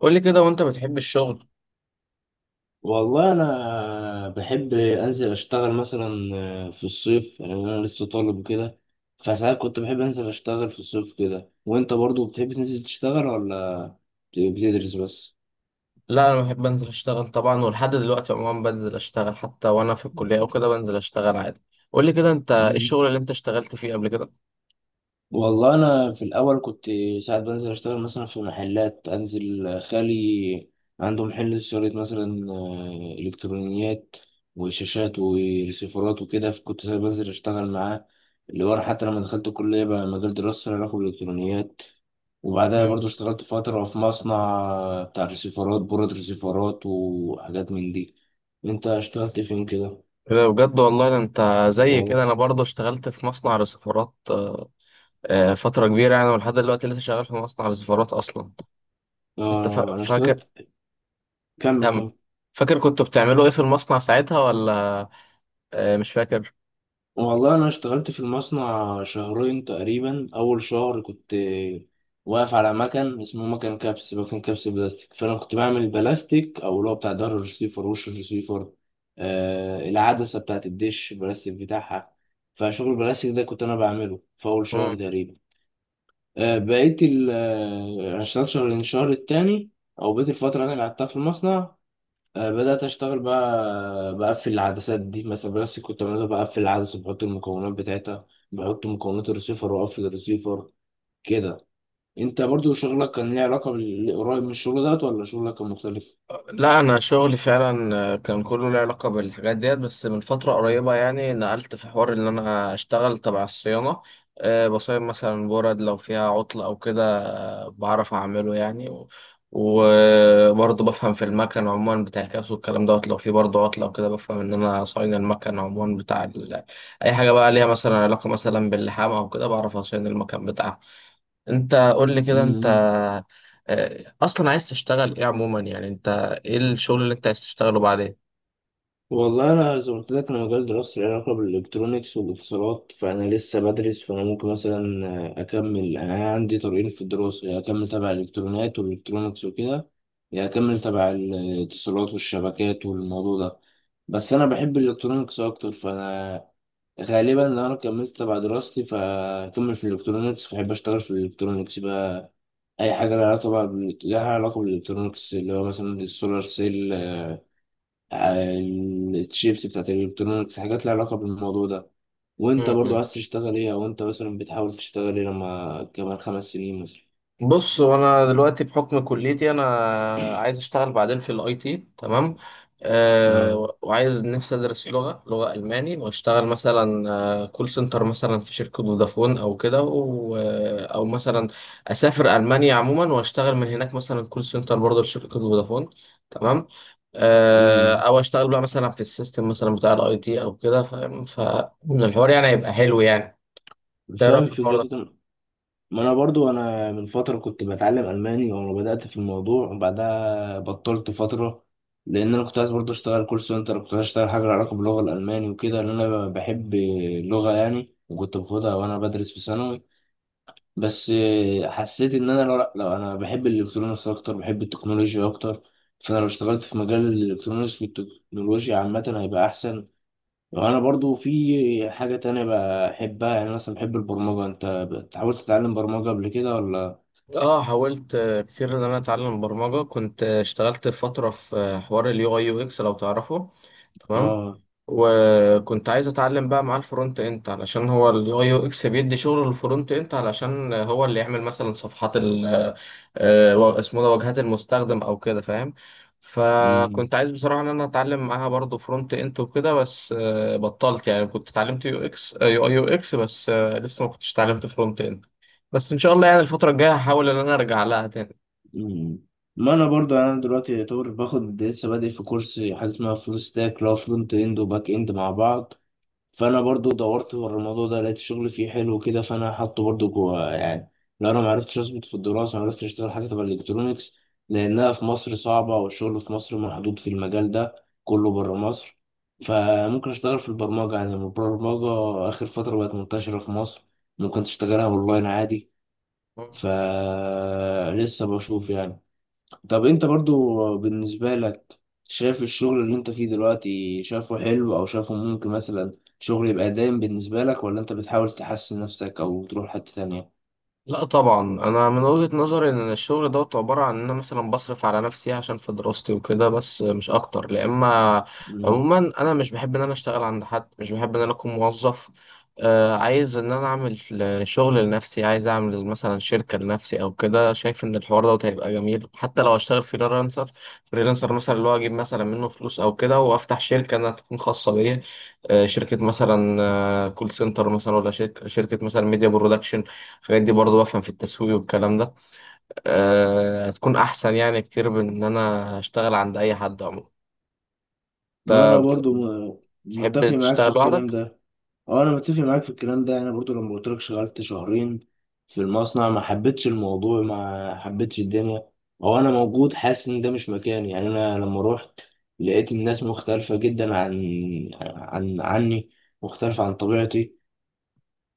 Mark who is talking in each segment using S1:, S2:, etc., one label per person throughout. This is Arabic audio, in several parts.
S1: قول لي كده وانت بتحب الشغل؟
S2: والله انا بحب انزل اشتغل مثلا في الصيف يعني انا لسه طالب وكده. فساعات كنت بحب انزل اشتغل في الصيف كده. وانت برضو بتحب تنزل تشتغل ولا بتدرس بس؟
S1: لا انا بحب انزل اشتغل طبعا، ولحد دلوقتي عموما بنزل اشتغل حتى وانا في الكليه او كده بنزل اشتغل عادي. قول لي كده انت ايه الشغل اللي انت اشتغلت فيه قبل كده؟
S2: والله انا في الاول كنت ساعات بنزل اشتغل مثلا في محلات. انزل خالي عنده محل شريط مثلا الكترونيات وشاشات وريسيفرات وكده، فكنت ساعات بنزل اشتغل معاه اللي ورا. حتى لما دخلت الكليه بقى مجال دراستي له علاقه بالالكترونيات. وبعدها
S1: امم
S2: برضو اشتغلت فتره في مصنع بتاع ريسيفرات، بورد ريسيفرات وحاجات من دي. انت اشتغلت فين كده؟
S1: ده بجد والله، ده انت زي
S2: والله
S1: كده انا برضه اشتغلت في مصنع رسيفرات. فتره كبيره يعني، ولحد دلوقتي لسه شغال في مصنع رسيفرات اصلا. انت
S2: اه انا
S1: فاكر
S2: اشتغلت. كمل
S1: كم؟
S2: كمل.
S1: فاكر كنتوا بتعملوا ايه في المصنع ساعتها ولا مش فاكر؟
S2: والله أنا اشتغلت في المصنع شهرين تقريبا. أول شهر كنت واقف على مكن اسمه مكن كبس، مكن كبس بلاستيك، فأنا كنت بعمل البلاستيك أو اللي هو بتاع ظهر الرسيفر، وش الرسيفر العدسة بتاعت الدش، البلاستيك بتاعها. فشغل البلاستيك ده كنت أنا بعمله في أول شهر تقريبا. آه بقيت ال آه، أنا اشتغلت شهرين. الشهر التاني أو بقيت الفترة اللي أنا قعدتها في المصنع بدأت أشتغل بقى بقفل العدسات دي مثلا. بس كنت بعملها بقفل العدسة، بحط المكونات بتاعتها، بحط مكونات الريسيفر وأقفل الريسيفر كده. أنت برضو شغلك كان ليه علاقة بالقريب من الشغل دوت، ولا شغلك كان مختلف؟
S1: لا انا شغلي فعلا كان كله له علاقه بالحاجات ديت، بس من فتره قريبه يعني نقلت في حوار ان انا اشتغل تبع الصيانه. أه، بصين مثلا برد لو فيها عطل او كده أه، بعرف اعمله يعني وبرضه بفهم في المكن عموما بتاع الكاس والكلام دوت، لو في برضه عطل او كده بفهم ان انا صاين المكن عموما بتاع ال... اي حاجه بقى ليها مثلا علاقه مثلا باللحام او كده بعرف اصين المكن بتاعها. انت قول لي كده، انت
S2: مم.
S1: اصلا عايز تشتغل ايه عموما يعني؟ انت ايه الشغل اللي انت عايز تشتغله
S2: والله انا زي ما قلت لك، انا مجال دراستي له علاقه بالالكترونيكس والاتصالات، فانا لسه بدرس. فانا ممكن مثلا اكمل. يعني انا عندي طريقين في الدراسه، يا اكمل تبع الالكترونيات والالكترونيكس وكده، يا اكمل تبع الاتصالات والشبكات والموضوع ده. بس انا بحب الالكترونيكس اكتر، فانا غالبا لو انا كملت تبع دراستي فاكمل في الالكترونيكس، فاحب اشتغل في الالكترونيكس بقى. اي حاجه لها علاقه بقى لها علاقه بالالكترونيكس، اللي هو مثلا السولار سيل، عن الشيبس بتاعت الالكترونيكس، حاجات لها علاقة بالموضوع ده. وانت برضو
S1: بعدين؟
S2: عايز تشتغل ايه، او انت مثلا بتحاول تشتغل ايه لما كمان 5 سنين مثلا؟
S1: بص، هو انا دلوقتي بحكم كليتي انا عايز اشتغل بعدين في الاي تي، تمام؟
S2: اه.
S1: أه، وعايز نفسي ادرس لغه، الماني واشتغل مثلا كول سنتر مثلا في شركه فودافون او كده او مثلا اسافر المانيا عموما واشتغل من هناك مثلا كول سنتر برضه لشركه فودافون، تمام؟ أه،
S2: امم
S1: او اشتغل بقى مثلا في السيستم مثلا بتاع الاي تي او كده، فاهم؟ فالحوار يعني هيبقى حلو يعني. إنت ايه
S2: فاهم
S1: رايك في الحوار
S2: الفكرة دي
S1: ده؟
S2: كان. ما انا برضو انا من فترة كنت بتعلم الماني، وانا بدأت في الموضوع وبعدها بطلت فترة. لان انا كنت عايز برضو اشتغل كول سنتر، كنت عايز اشتغل حاجة لها علاقة باللغة الالماني وكده. لان انا بحب اللغة يعني، وكنت باخدها وانا بدرس في ثانوي. بس حسيت ان انا لو انا بحب الالكترونيكس اكتر، بحب التكنولوجيا اكتر. فانا لو اشتغلت في مجال الالكترونيكس والتكنولوجيا عامه هيبقى احسن. وانا برضو في حاجه تانية بحبها، يعني مثلا بحب البرمجه. انت حاولت تتعلم برمجه قبل كده ولا؟
S1: اه، حاولت كتير ان انا اتعلم برمجه. كنت اشتغلت فتره في حوار اليو اي يو اكس، لو تعرفه، تمام؟
S2: اه.
S1: وكنت عايز اتعلم بقى معاه الفرونت اند، علشان هو اليو اي يو اكس بيدي شغل الفرونت اند، علشان هو اللي يعمل مثلا صفحات ال اسمه ده واجهات المستخدم او كده، فاهم؟
S2: مم.
S1: فكنت عايز بصراحه ان انا اتعلم معاها برضه فرونت اند وكده، بس بطلت يعني. كنت اتعلمت يو اكس، يو اي يو اكس، بس لسه ما كنتش اتعلمت فرونت اند. بس ان شاء الله يعني الفتره الجايه هحاول ان انا ارجع لها تاني.
S2: مم. ما انا برضو يعني انا دلوقتي يعتبر باخد، لسه بادئ في كورس حاجه اسمها فول ستاك، اللي هو فرونت اند وباك اند مع بعض. فانا برضو دورت ورا الموضوع ده لقيت الشغل فيه حلو كده، فانا حاطه برضو جوه يعني. لو انا ما عرفتش اظبط في الدراسه، ما عرفتش اشتغل حاجه تبع الالكترونيكس، لانها في مصر صعبه، والشغل في مصر محدود في المجال ده، كله بره مصر. فممكن اشتغل في البرمجه، يعني البرمجه اخر فتره بقت منتشره في مصر، ممكن تشتغلها اونلاين عادي، فلسه بشوف يعني. طب انت برضو بالنسبة لك، شايف الشغل اللي انت فيه دلوقتي شايفه حلو، او شايفه ممكن مثلا شغل يبقى دايم بالنسبة لك، ولا انت بتحاول تحسن نفسك او تروح حتة تانية؟
S1: لا طبعا، انا من وجهة نظري ان الشغل دوت عبارة عن ان انا مثلا بصرف على نفسي عشان في دراستي وكده، بس مش اكتر لا. اما
S2: مم.
S1: عموما انا مش بحب ان انا اشتغل عند حد، مش بحب ان انا اكون موظف. آه، عايز ان انا اعمل شغل لنفسي، عايز اعمل مثلا شركة لنفسي او كده. شايف ان الحوار دوت هيبقى جميل حتى لو اشتغل فريلانسر. فريلانسر مثلا اللي هو اجيب مثلا منه فلوس او كده، وافتح شركة انها تكون خاصة بيا. آه، شركة مثلا آه كول سنتر مثلا، ولا شركة مثلا ميديا برودكشن. الحاجات دي برضو بفهم في التسويق والكلام ده. أه، هتكون احسن يعني كتير من ان انا اشتغل عند اي حد عموما.
S2: ما
S1: انت
S2: انا برضو متفق
S1: بتحب
S2: معاك في
S1: تشتغل
S2: الكلام
S1: لوحدك؟
S2: ده. اه انا متفق معاك في الكلام ده. انا برضو لما قلت لك شغلت شهرين في المصنع، ما حبيتش الموضوع، ما حبيتش الدنيا. هو انا موجود حاسس ان ده مش مكاني. يعني انا لما روحت لقيت الناس مختلفة جدا عن عني، مختلفة عن طبيعتي.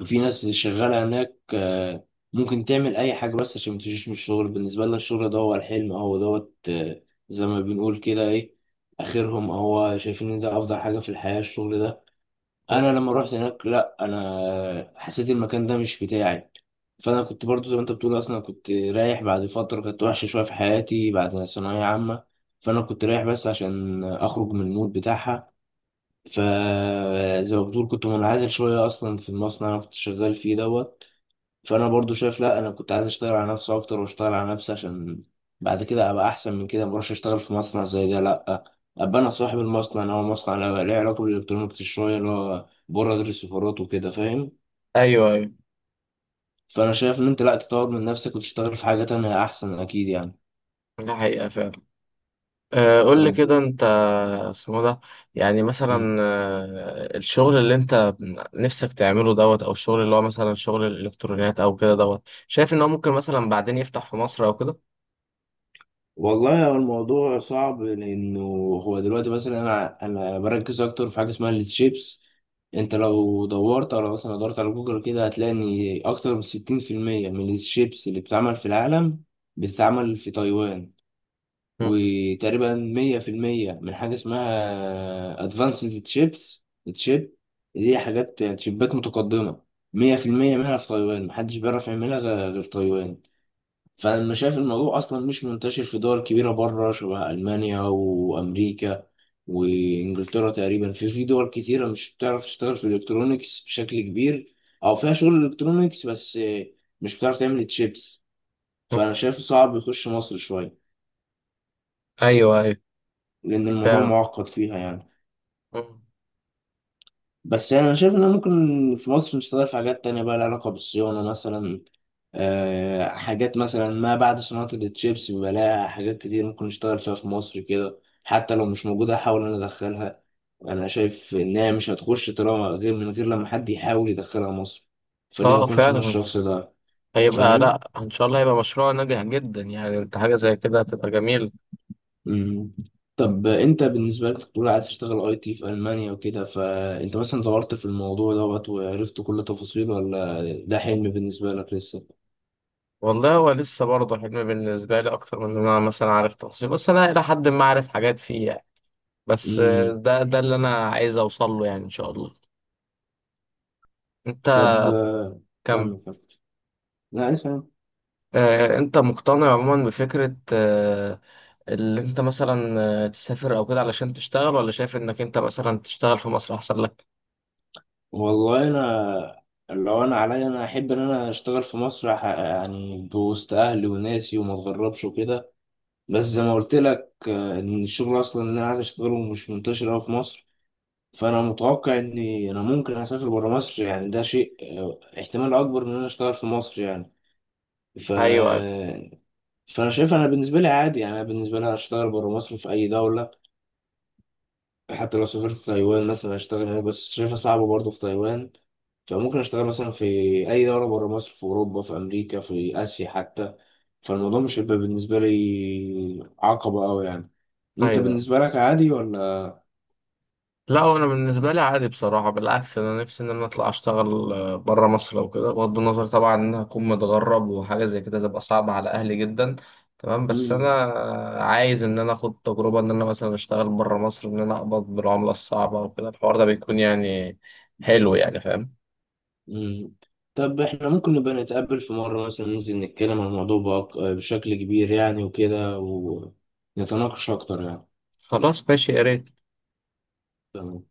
S2: وفي ناس شغالة هناك ممكن تعمل اي حاجة بس عشان ما تجيش من الشغل. بالنسبة لنا الشغل ده هو الحلم، هو دوت زي ما بنقول كده ايه اخرهم. هو شايفين ان ده افضل حاجة في الحياة الشغل ده. انا
S1: مم.
S2: لما رحت هناك لا، انا حسيت المكان ده مش بتاعي. فانا كنت برضو زي ما انت بتقول، اصلا كنت رايح بعد فتره كانت وحشه شويه في حياتي بعد ثانويه عامه. فانا كنت رايح بس عشان اخرج من المود بتاعها. فزي ما بتقول كنت منعزل شويه اصلا في المصنع اللي انا كنت شغال فيه دوت. فانا برضو شايف لا، انا كنت عايز اشتغل على نفسي اكتر، واشتغل على نفسي عشان بعد كده ابقى احسن من كده. مبروحش اشتغل في مصنع زي ده، لا، ابقى انا صاحب المصنع، اللي هو مصنع له علاقه بالالكترونيكس شويه، اللي هو بره دي السفارات وكده فاهم؟
S1: ايوه ايوه،
S2: فانا شايف ان انت لا، تطور من نفسك وتشتغل في حاجه تانية احسن اكيد يعني.
S1: ده حقيقة فعلا. أه، قول لي
S2: طب.
S1: كده، انت اسمه ده، يعني
S2: مم.
S1: مثلا أه الشغل اللي انت نفسك تعمله دوت، او الشغل اللي هو مثلا شغل الالكترونيات او كده دوت، شايف ان هو ممكن مثلا بعدين يفتح في مصر او كده؟
S2: والله هو الموضوع صعب، لانه هو دلوقتي مثلا انا بركز اكتر في حاجه اسمها الشيبس. انت لو دورت على، مثلا دورت على جوجل كده، هتلاقي ان اكتر من 60% من الشيبس اللي بتتعمل في العالم بتتعمل في تايوان،
S1: مم.
S2: وتقريبا 100% من حاجه اسمها ادفانسد تشيبس، تشيب، دي حاجات يعني تشيبات متقدمه، 100% منها في تايوان، محدش بيعرف يعملها غير تايوان. فأنا شايف الموضوع أصلا مش منتشر في دول كبيرة بره، شبه ألمانيا وأمريكا وإنجلترا. تقريبا في دول كتيرة مش بتعرف تشتغل في الإلكترونيكس بشكل كبير، أو فيها شغل إلكترونيكس بس مش بتعرف تعمل تشيبس.
S1: مم.
S2: فأنا شايف صعب يخش مصر شوية،
S1: ايوه ايوه.
S2: لأن الموضوع
S1: فعلا.
S2: معقد فيها يعني.
S1: مم.
S2: بس يعني أنا شايف إن ممكن في مصر نشتغل في حاجات تانية بقى لها علاقة بالصيانة مثلا. حاجات مثلا ما بعد صناعة التشيبس، بيبقى لها حاجات كتير ممكن نشتغل فيها في مصر كده، حتى لو مش موجودة أحاول أنا أدخلها. أنا شايف إنها مش هتخش طالما، غير من غير لما حد يحاول يدخلها مصر، فليه ما
S1: اه،
S2: أكونش أنا
S1: فعلا
S2: الشخص ده؟
S1: هيبقى،
S2: فاهم؟
S1: لا ان شاء الله هيبقى مشروع ناجح جدا يعني. انت حاجه زي كده هتبقى جميل.
S2: مم. طب أنت بالنسبة لك تقول عايز تشتغل أي تي في ألمانيا وكده، فأنت مثلا دورت في الموضوع دوت وعرفت كل تفاصيله، ولا ده حلم بالنسبة لك لسه؟
S1: والله هو لسه برضه حلم بالنسبه لي اكتر من ان انا مثلا عارف تفاصيل، بس انا الى حد ما عارف حاجات فيه يعني. بس
S2: مم.
S1: ده اللي انا عايز اوصل له يعني ان شاء الله. انت
S2: طب
S1: كم.
S2: كمل كمل. لا اسمع.
S1: انت مقتنع عموما بفكره اللي انت مثلا تسافر او كده علشان تشتغل، ولا شايف انك انت مثلا تشتغل في مصر احسن لك؟
S2: والله انا لو انا عليا انا احب ان انا اشتغل في مصر يعني بوسط اهلي وناسي وما اتغربش وكده. بس زي ما قلت لك ان الشغل اصلا اللي انا عايز اشتغله مش منتشر قوي في مصر. فانا متوقع اني انا ممكن اسافر بره مصر، يعني ده شيء احتمال اكبر من ان انا اشتغل في مصر يعني. ف
S1: ايوه
S2: فانا شايف انا بالنسبه لي عادي يعني، انا بالنسبه لي اشتغل بره مصر في اي دوله. حتى لو سافرت تايوان مثلا اشتغل هناك، بس شايفها صعبه برضه في تايوان. فممكن اشتغل مثلا في اي دوله بره مصر، في اوروبا في امريكا في اسيا حتى. فالموضوع مش هيبقى بالنسبه لي عقبه قوي يعني. انت
S1: ايوه.
S2: بالنسبه لك عادي ولا؟
S1: لا هو انا بالنسبه لي عادي بصراحه، بالعكس انا نفسي ان انا اطلع اشتغل بره مصر او كده، بغض النظر طبعا ان انا اكون متغرب وحاجه زي كده تبقى صعبه على اهلي جدا، تمام. بس انا
S2: مم.
S1: عايز ان انا اخد تجربه ان انا مثلا اشتغل بره مصر، ان انا اقبض بالعمله الصعبه وكده. الحوار ده بيكون يعني حلو يعني، فاهم؟
S2: مم. طب احنا ممكن نبقى نتقابل في مره مثلا، ننزل نتكلم عن الموضوع بشكل كبير يعني وكده، ونتناقش اكتر يعني.
S1: خلاص ماشي، يا ريت.
S2: تمام.